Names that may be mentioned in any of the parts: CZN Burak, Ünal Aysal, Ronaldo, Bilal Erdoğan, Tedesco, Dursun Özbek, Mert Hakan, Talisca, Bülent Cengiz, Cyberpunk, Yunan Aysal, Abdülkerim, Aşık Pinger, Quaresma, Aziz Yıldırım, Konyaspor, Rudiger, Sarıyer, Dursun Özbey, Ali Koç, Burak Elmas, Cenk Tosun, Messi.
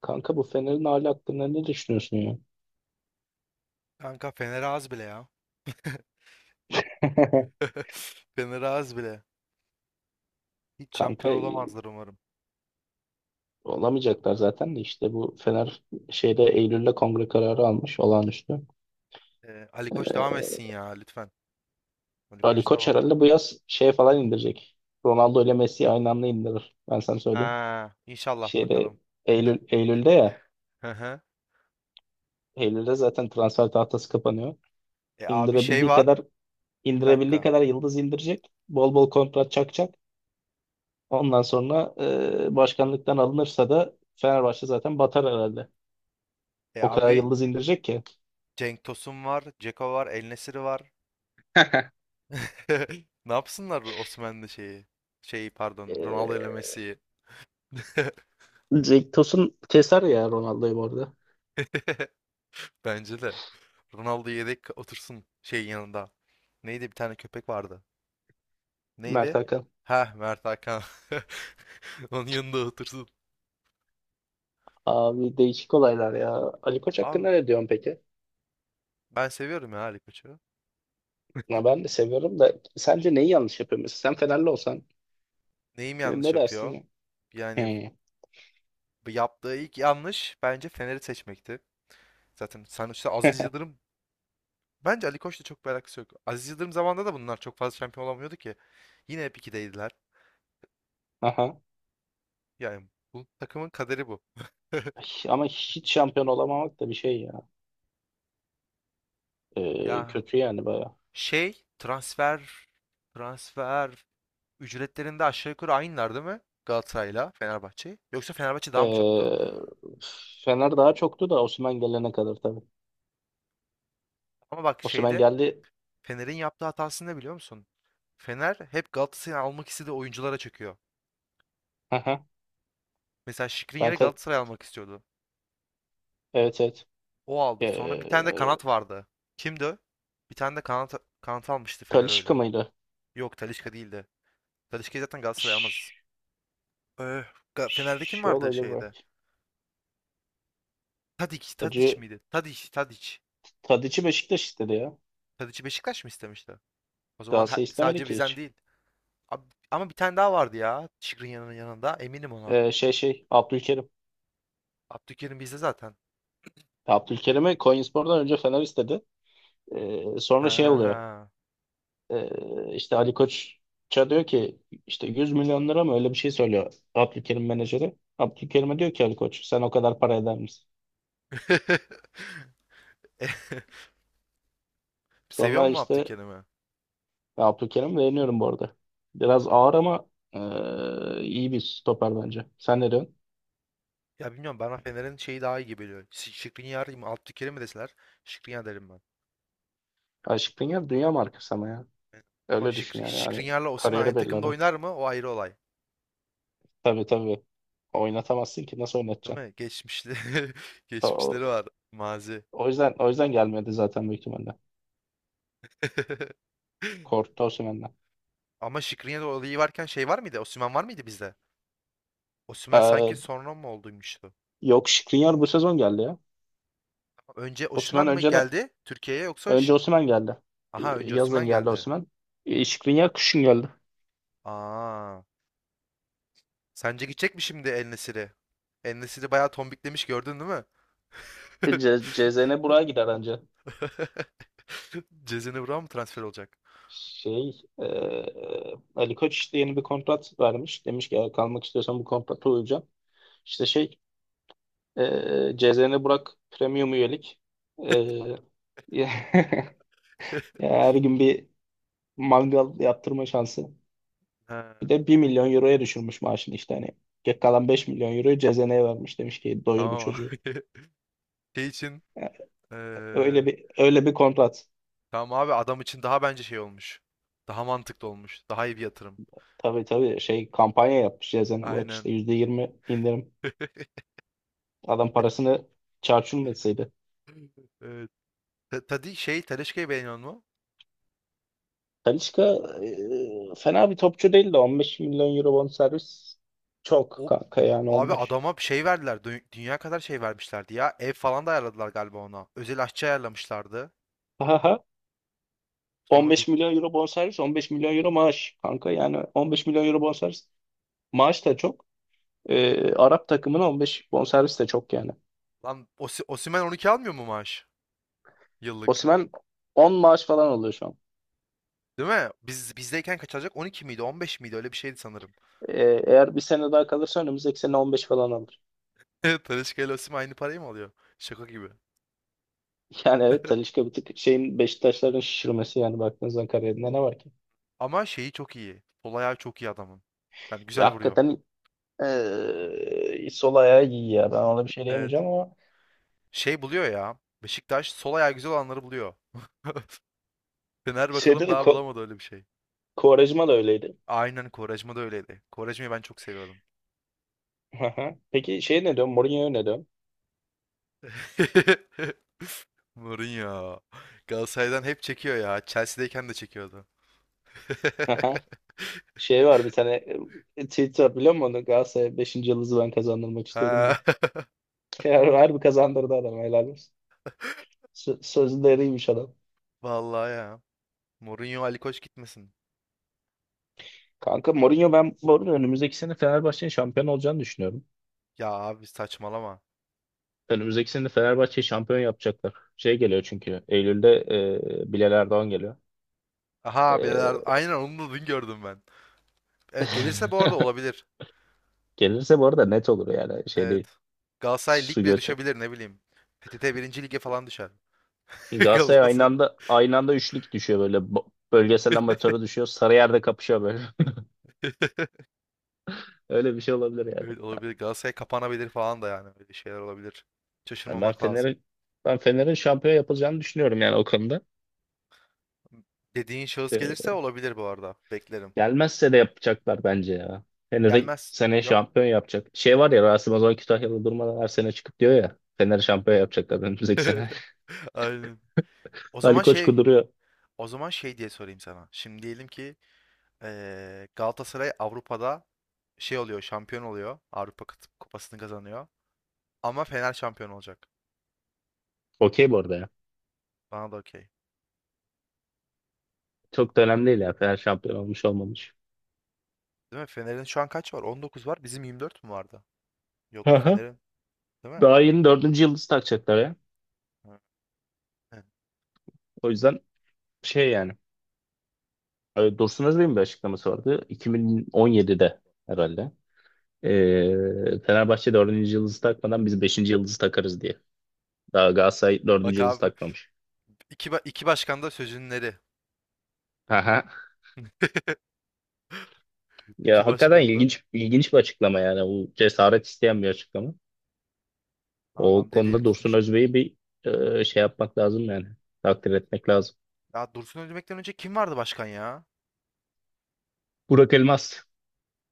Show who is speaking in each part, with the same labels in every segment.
Speaker 1: Kanka bu Fener'in hali hakkında ne düşünüyorsun ya?
Speaker 2: Kanka Fener az bile ya. Fener az bile. Hiç
Speaker 1: Kanka
Speaker 2: şampiyon olamazlar umarım.
Speaker 1: olamayacaklar zaten de işte bu Fener şeyde Eylül'de kongre kararı almış olağanüstü.
Speaker 2: Ali Koç
Speaker 1: Ee,
Speaker 2: devam etsin ya lütfen. Ali
Speaker 1: Ali
Speaker 2: Koç
Speaker 1: Koç
Speaker 2: devam.
Speaker 1: herhalde bu yaz şeye falan indirecek. Ronaldo ile Messi'yi aynı anda indirir. Ben sana söyleyeyim.
Speaker 2: Ha, inşallah
Speaker 1: Şeyde
Speaker 2: bakalım.
Speaker 1: Eylül Eylül'de ya.
Speaker 2: Hı hı.
Speaker 1: Eylül'de zaten transfer tahtası kapanıyor.
Speaker 2: E abi şey
Speaker 1: İndirebildiği
Speaker 2: var.
Speaker 1: kadar
Speaker 2: Bir
Speaker 1: indirebildiği
Speaker 2: dakika.
Speaker 1: kadar yıldız indirecek. Bol bol kontrat çakacak. Ondan sonra başkanlıktan alınırsa da Fenerbahçe zaten batar herhalde.
Speaker 2: E
Speaker 1: O kadar
Speaker 2: abi
Speaker 1: yıldız indirecek ki.
Speaker 2: Cenk Tosun var, Ceko var, El Nesiri var. Ne yapsınlar Osimhen'le şeyi? Şeyi pardon, Ronaldo ile
Speaker 1: Ee,
Speaker 2: Messi'yi.
Speaker 1: Cenk Tosun keser ya Ronaldo'yu bu arada.
Speaker 2: Bence de. Ronaldo yedek otursun şey yanında. Neydi bir tane köpek vardı.
Speaker 1: Mert
Speaker 2: Neydi?
Speaker 1: Hakan.
Speaker 2: Ha Mert Hakan. Onun yanında otursun.
Speaker 1: Abi değişik olaylar ya. Ali Koç
Speaker 2: Abi
Speaker 1: hakkında ne diyorsun peki?
Speaker 2: ben seviyorum ya Ali Koç'u.
Speaker 1: Ya ben de seviyorum da sence neyi yanlış yapıyor mesela? Sen Fenerli olsan
Speaker 2: Neyim yanlış
Speaker 1: ne dersin
Speaker 2: yapıyor?
Speaker 1: ya?
Speaker 2: Yani
Speaker 1: He.
Speaker 2: bu yaptığı ilk yanlış bence Fener'i seçmekti. Zaten sonuçta Aziz Yıldırım bence Ali Koç'la çok bir alakası yok. Aziz Yıldırım zamanında da bunlar çok fazla şampiyon olamıyordu ki. Yine hep ikideydiler.
Speaker 1: Aha.
Speaker 2: Yani bu takımın kaderi bu.
Speaker 1: Ama hiç şampiyon olamamak da bir şey ya. Ee,
Speaker 2: Ya
Speaker 1: kötü yani baya.
Speaker 2: şey transfer transfer ücretlerinde aşağı yukarı aynılar değil mi? Galatasaray'la Fenerbahçe. Yoksa Fenerbahçe daha mı çoktu?
Speaker 1: Ee, Fener daha çoktu da Osimhen gelene kadar tabii.
Speaker 2: Ama bak
Speaker 1: Osimhen
Speaker 2: şeyde
Speaker 1: geldi.
Speaker 2: Fener'in yaptığı hatasını ne biliyor musun? Fener hep Galatasaray'ı almak istediği oyunculara çöküyor.
Speaker 1: Aha.
Speaker 2: Mesela Şikrin
Speaker 1: Ben
Speaker 2: yere
Speaker 1: ka-
Speaker 2: Galatasaray almak istiyordu.
Speaker 1: evet evet.
Speaker 2: O aldı. Sonra bir tane de
Speaker 1: Ee,
Speaker 2: kanat vardı. Kimdi o? Bir tane de kanat almıştı Fener
Speaker 1: Talisca
Speaker 2: öyle.
Speaker 1: mıydı?
Speaker 2: Yok Talisca değildi. Talisca'yı zaten Galatasaray almaz.
Speaker 1: Ş-
Speaker 2: Ee, Ga- Fener'de kim
Speaker 1: Şey
Speaker 2: vardı
Speaker 1: olabilir
Speaker 2: şeyde?
Speaker 1: belki.
Speaker 2: Tadic, Tadic
Speaker 1: Hacı
Speaker 2: miydi? Tadic, Tadic.
Speaker 1: Tadiç'i Beşiktaş istedi ya.
Speaker 2: Tadic'i Beşiktaş mı istemişti? O zaman he-
Speaker 1: Galatasaray istemedi
Speaker 2: sadece
Speaker 1: ki
Speaker 2: bizden
Speaker 1: hiç.
Speaker 2: değil. Ab- ama bir tane daha vardı ya. Şikrin yanının yanında. Eminim ona.
Speaker 1: Şey, Abdülkerim.
Speaker 2: Abdülkerim bizde zaten.
Speaker 1: Abdülkerim'i Konyaspor'dan önce Fener istedi. Sonra şey oluyor.
Speaker 2: Ha.
Speaker 1: İşte Ali Koç'a diyor ki işte 100 milyon lira mı öyle bir şey söylüyor Abdülkerim menajeri. Abdülkerim'e diyor ki Ali Koç sen o kadar para eder misin?
Speaker 2: Seviyor
Speaker 1: Sonra
Speaker 2: mu
Speaker 1: işte
Speaker 2: Abdülkerim'i?
Speaker 1: Abdülkerim beğeniyorum bu arada. Biraz ağır ama iyi bir stoper bence. Sen ne diyorsun?
Speaker 2: Ya bilmiyorum bana Fener'in şeyi daha iyi gibi geliyor. Şi- Skriniar mı Abdülkerim mi deseler Skriniar derim ben.
Speaker 1: Aşık Pinger dünya markası ama ya.
Speaker 2: Ama
Speaker 1: Öyle düşün
Speaker 2: Şikri,
Speaker 1: yani. Yani
Speaker 2: Skriniar'la Osimhen
Speaker 1: kariyeri
Speaker 2: aynı
Speaker 1: belli
Speaker 2: takımda
Speaker 1: adam.
Speaker 2: oynar mı? O ayrı olay.
Speaker 1: Tabii tabii. Oynatamazsın ki. Nasıl
Speaker 2: Değil
Speaker 1: oynatacaksın?
Speaker 2: mi? Geçmişli
Speaker 1: O,
Speaker 2: geçmişleri
Speaker 1: o
Speaker 2: var. Mazi.
Speaker 1: o yüzden gelmedi zaten büyük ihtimalle. Korktu Osimhen'den.
Speaker 2: Ama Skriniar olayı varken şey var mıydı? Osimhen var mıydı bizde? Osimhen sanki
Speaker 1: Ee,
Speaker 2: sonra mı olduymuştu?
Speaker 1: yok, Skriniar bu sezon geldi ya.
Speaker 2: Önce
Speaker 1: Osimhen
Speaker 2: Osimhen mi
Speaker 1: önce de
Speaker 2: geldi Türkiye'ye yoksa Şi-
Speaker 1: önce Osimhen geldi.
Speaker 2: Aha
Speaker 1: Ee,
Speaker 2: önce
Speaker 1: Yazın
Speaker 2: Osimhen
Speaker 1: geldi
Speaker 2: geldi.
Speaker 1: Osimhen. Skriniar kışın geldi.
Speaker 2: Aa. Sence gidecek mi şimdi El Nesir'e? El Nesir'i bayağı tombiklemiş gördün değil mi?
Speaker 1: CZN buraya gider anca.
Speaker 2: Cezene Burak'a mı transfer olacak?
Speaker 1: Şey e, Ali Koç işte yeni bir kontrat vermiş. Demiş ki "Eğer kalmak istiyorsan bu kontrata uyacaksın." İşte CZN Burak Premium üyelik. Ee, ya her gün bir mangal yaptırma şansı.
Speaker 2: Ha,
Speaker 1: Bir de 1 milyon euroya düşürmüş maaşını işte hani. Geri kalan 5 milyon euroyu CZN'ye vermiş demiş ki doyur bu
Speaker 2: tamam
Speaker 1: çocuğu.
Speaker 2: abi. Şey için
Speaker 1: Yani öyle
Speaker 2: eee,
Speaker 1: bir öyle bir kontrat.
Speaker 2: tamam abi adam için daha bence şey olmuş. Daha mantıklı olmuş. Daha iyi bir yatırım.
Speaker 1: Tabii tabii şey kampanya yapmış CZN Burak
Speaker 2: Aynen.
Speaker 1: işte %20 indirim. Adam parasını çarçur etseydi.
Speaker 2: Evet. Ta- Tadi şey Tedesco'yu beğeniyor mu?
Speaker 1: Talisca fena bir topçu değil de 15 milyon euro bonservis çok
Speaker 2: O
Speaker 1: kanka yani on
Speaker 2: abi
Speaker 1: beş.
Speaker 2: adama bir şey verdiler. Dü- Dünya kadar şey vermişlerdi ya. Ev falan da ayarladılar galiba ona. Özel aşçı ayarlamışlardı. Sonra bir
Speaker 1: 15 milyon euro bonservis, 15 milyon euro maaş kanka. Yani 15 milyon euro bonservis. Maaş da çok. Arap takımına 15 bonservis de çok yani.
Speaker 2: lan Osi- Osimhen 12 almıyor mu maaş? Yıllık.
Speaker 1: Osimhen 10 maaş falan alıyor şu an.
Speaker 2: Değil mi? Biz bizdeyken kaç alacak? 12 miydi? 15 miydi? Öyle bir şeydi sanırım.
Speaker 1: Ee, eğer bir sene daha kalırsa önümüzdeki sene 15 falan alır.
Speaker 2: Talisca ile Osimhen aynı parayı mı alıyor? Şaka gibi.
Speaker 1: Yani evet Talisca bir tık şeyin Beşiktaşların şişirmesi yani baktığınız zaman kariyerinde ne var ki?
Speaker 2: Ama şeyi çok iyi. Sol ayağı çok iyi adamın. Yani
Speaker 1: Ya
Speaker 2: güzel vuruyor.
Speaker 1: hakikaten sol ayağı iyi ya. Ben ona bir şey
Speaker 2: Evet.
Speaker 1: diyemeyeceğim ama
Speaker 2: Şey buluyor ya. Beşiktaş sol ayağı güzel olanları buluyor. Fener bakalım
Speaker 1: şeyde de
Speaker 2: daha bulamadı öyle bir şey.
Speaker 1: Quaresma da öyleydi.
Speaker 2: Aynen Quaresma da öyleydi. Quaresma'yı ben çok seviyordum.
Speaker 1: Peki şey ne diyorsun? Mourinho'ya ne diyorsun?
Speaker 2: Mourinho. Galatasaray'dan hep çekiyor ya. Chelsea'deyken de çekiyordu.
Speaker 1: Şey var bir tane tweet var biliyor musun? Onu? Galatasaray 5. yıldızı ben kazandırmak istiyorum diye.
Speaker 2: Ha.
Speaker 1: Harbi kazandırdı adam helal olsun. Sözleriymiş adam.
Speaker 2: Vallahi ya. Mourinho Ali Koç gitmesin.
Speaker 1: Kanka Mourinho ben bu arada önümüzdeki sene Fenerbahçe'nin şampiyon olacağını düşünüyorum.
Speaker 2: Ya abi saçmalama.
Speaker 1: Önümüzdeki sene Fenerbahçe'yi şampiyon yapacaklar. Şey geliyor çünkü Eylül'de Bilal Erdoğan geliyor.
Speaker 2: Aha bileler.
Speaker 1: E,
Speaker 2: Aynen onu da dün gördüm ben. Evet gelirse bu arada olabilir.
Speaker 1: Gelirse bu arada net olur yani şey
Speaker 2: Evet.
Speaker 1: değil.
Speaker 2: Galatasaray
Speaker 1: Su
Speaker 2: lig bile
Speaker 1: götü.
Speaker 2: düşebilir ne bileyim. PTT birinci lige falan düşer.
Speaker 1: Galatasaray aynı
Speaker 2: Galatasaray.
Speaker 1: anda aynı anda üçlük düşüyor böyle bölgesel amatöre düşüyor. Sarıyer'de kapışıyor böyle. Öyle bir şey olabilir yani.
Speaker 2: Evet olabilir. Galatasaray kapanabilir falan da yani. Öyle şeyler olabilir.
Speaker 1: Yani ben
Speaker 2: Şaşırmamak lazım.
Speaker 1: Fener'e ben Fener'in şampiyon yapılacağını düşünüyorum yani o konuda.
Speaker 2: Dediğin şahıs
Speaker 1: Ee,
Speaker 2: gelirse olabilir bu arada. Beklerim.
Speaker 1: gelmezse de yapacaklar bence ya. Fener'i
Speaker 2: Gelmez.
Speaker 1: seneye
Speaker 2: Yok.
Speaker 1: şampiyon yapacak. Şey var ya Rasim Ozan Kütahyalı durmadan her sene çıkıp diyor ya. Fener şampiyon yapacaklar önümüzdeki sene.
Speaker 2: Aynen. O
Speaker 1: Ali
Speaker 2: zaman
Speaker 1: Koç
Speaker 2: şey,
Speaker 1: kuduruyor.
Speaker 2: o zaman şey diye sorayım sana. Şimdi diyelim ki Galatasaray Avrupa'da şey oluyor, şampiyon oluyor. Avrupa Kıt- Kupası'nı kazanıyor. Ama Fener şampiyon olacak.
Speaker 1: Okey bu arada ya.
Speaker 2: Bana da okey.
Speaker 1: Çok da önemli değil ya. Fener şampiyon olmuş olmamış.
Speaker 2: Değil mi? Fener'in şu an kaç var? 19 var. Bizim 24 mü vardı?
Speaker 1: Hı
Speaker 2: Yok
Speaker 1: hı.
Speaker 2: Fener'in değil mi?
Speaker 1: Daha yeni dördüncü yıldız takacaklar ya.
Speaker 2: Ha, he.
Speaker 1: O yüzden şey yani. Dursun Özbey'in bir açıklaması vardı. 2017'de herhalde. Fenerbahçe dördüncü yıldızı takmadan biz beşinci yıldızı takarız diye. Daha Galatasaray dördüncü
Speaker 2: Bak
Speaker 1: yıldız
Speaker 2: abi
Speaker 1: takmamış.
Speaker 2: iki, ba- iki başkan da sözünleri.
Speaker 1: Aha.
Speaker 2: İki
Speaker 1: Ya hakikaten
Speaker 2: başkan da
Speaker 1: ilginç ilginç bir açıklama yani. Bu cesaret isteyen bir açıklama. O
Speaker 2: adam dediğini
Speaker 1: konuda Dursun
Speaker 2: tutmuş.
Speaker 1: Özbey'i bir şey yapmak lazım yani. Takdir etmek lazım.
Speaker 2: Ya Dursun Özbek'ten önce kim vardı başkan ya?
Speaker 1: Burak Elmas.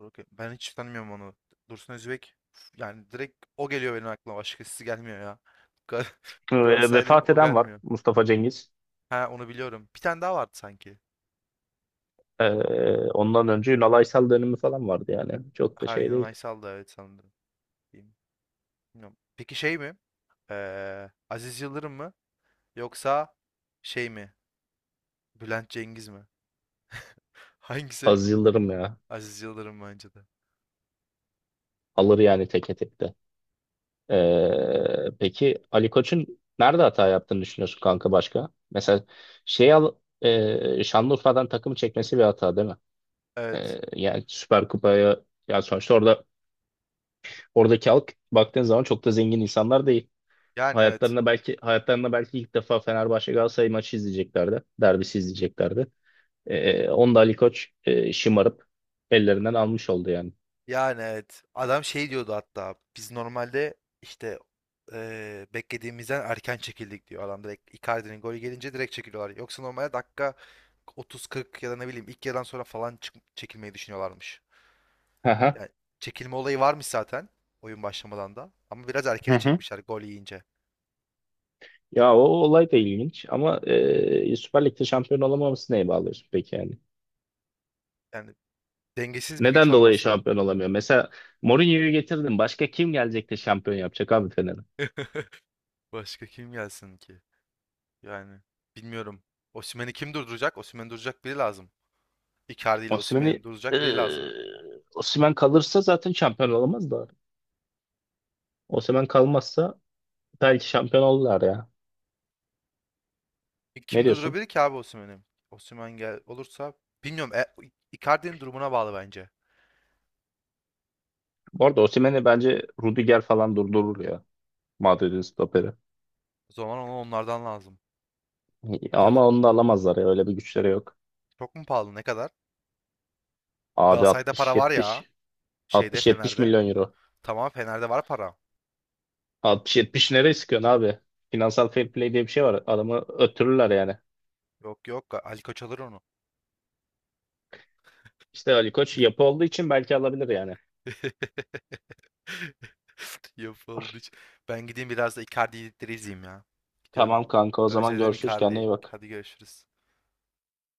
Speaker 2: Dur bakayım. Ben hiç tanımıyorum onu. Dursun Özbek yani direkt o geliyor benim aklıma. Başkası gelmiyor ya. Gal-
Speaker 1: e,
Speaker 2: Galatasaraylıyım
Speaker 1: vefat
Speaker 2: o
Speaker 1: eden var.
Speaker 2: gelmiyor.
Speaker 1: Mustafa Cengiz.
Speaker 2: Ha onu biliyorum. Bir tane daha vardı sanki.
Speaker 1: E, ondan önce Ünal Aysal dönemi falan vardı yani. Çok da
Speaker 2: Ha
Speaker 1: şey
Speaker 2: Yunan
Speaker 1: değil.
Speaker 2: Aysal da evet sanırım. Diyeyim. Bilmiyorum. Peki şey mi? Aziz Yıldırım mı? Yoksa şey mi? Bülent Cengiz mi? Hangisi?
Speaker 1: Az Yıldırım ya.
Speaker 2: Aziz Yıldırım bence de.
Speaker 1: Alır yani teke tek de. Peki Ali Koç'un nerede hata yaptığını düşünüyorsun kanka başka? Mesela şey al Şanlıurfa'dan takımı çekmesi bir hata değil mi?
Speaker 2: Evet.
Speaker 1: Yani Süper Kupa'ya ya sonuçta oradaki halk baktığın zaman çok da zengin insanlar değil.
Speaker 2: Yani evet.
Speaker 1: Hayatlarında belki ilk defa Fenerbahçe Galatasaray maçı izleyeceklerdi. Derbisi izleyeceklerdi. Onu da Ali Koç şımarıp ellerinden almış oldu yani.
Speaker 2: Yani evet. Adam şey diyordu hatta. Biz normalde işte beklediğimizden erken çekildik diyor. Adam direkt Icardi'nin golü gelince direkt çekiliyorlar. Yoksa normalde dakika 30-40 ya da ne bileyim ilk yarıdan sonra falan çık- çekilmeyi düşünüyorlarmış.
Speaker 1: Hı hı.
Speaker 2: Yani çekilme olayı varmış zaten oyun başlamadan da. Ama biraz
Speaker 1: Hı
Speaker 2: erkene
Speaker 1: hı.
Speaker 2: çekmişler gol yiyince.
Speaker 1: Ya o olay da ilginç ama Süper Lig'de şampiyon olamaması neye bağlıyorsun peki yani?
Speaker 2: Yani dengesiz bir güç
Speaker 1: Neden dolayı
Speaker 2: olması.
Speaker 1: şampiyon olamıyor? Mesela Mourinho'yu getirdin. Başka kim gelecek de şampiyon yapacak abi Fener'e?
Speaker 2: Başka kim gelsin ki? Yani bilmiyorum. Osimhen'i kim durduracak? Osimhen'i durduracak biri lazım. Icardi ile
Speaker 1: Osimhen'i
Speaker 2: Osimhen'i
Speaker 1: e,
Speaker 2: durduracak biri lazım.
Speaker 1: Osimhen kalırsa zaten şampiyon olamaz da. Osimhen kalmazsa belki şampiyon olurlar ya.
Speaker 2: E,
Speaker 1: Ne
Speaker 2: kim
Speaker 1: diyorsun?
Speaker 2: durdurabilir ki abi Osimhen'i? Osimhen gel olursa bilmiyorum. E, Icardi'nin durumuna bağlı bence.
Speaker 1: Bu arada Osimhen'i bence Rudiger falan durdurur ya. Madrid'in stoperi.
Speaker 2: O zaman ona onlardan lazım. Ya,
Speaker 1: Ama onu da alamazlar ya. Öyle bir güçleri yok.
Speaker 2: çok mu pahalı? Ne kadar?
Speaker 1: Abi
Speaker 2: Galatasaray'da para var ya.
Speaker 1: 60-70
Speaker 2: Şeyde
Speaker 1: 60-70
Speaker 2: Fener'de.
Speaker 1: milyon euro.
Speaker 2: Tamam Fener'de var para.
Speaker 1: 60-70 nereye sıkıyorsun abi? Finansal fair play diye bir şey var. Adamı öttürürler yani.
Speaker 2: Yok yok Ali Koç alır onu.
Speaker 1: İşte Ali Koç yapı olduğu için belki alabilir yani.
Speaker 2: Yapıldı. Hiç. Ben gideyim biraz da Icardi'leri izleyeyim ya. Gidiyorum.
Speaker 1: Tamam kanka o zaman
Speaker 2: Özledim
Speaker 1: görüşürüz. Kendine
Speaker 2: Icardi'yi.
Speaker 1: iyi bak.
Speaker 2: Hadi görüşürüz.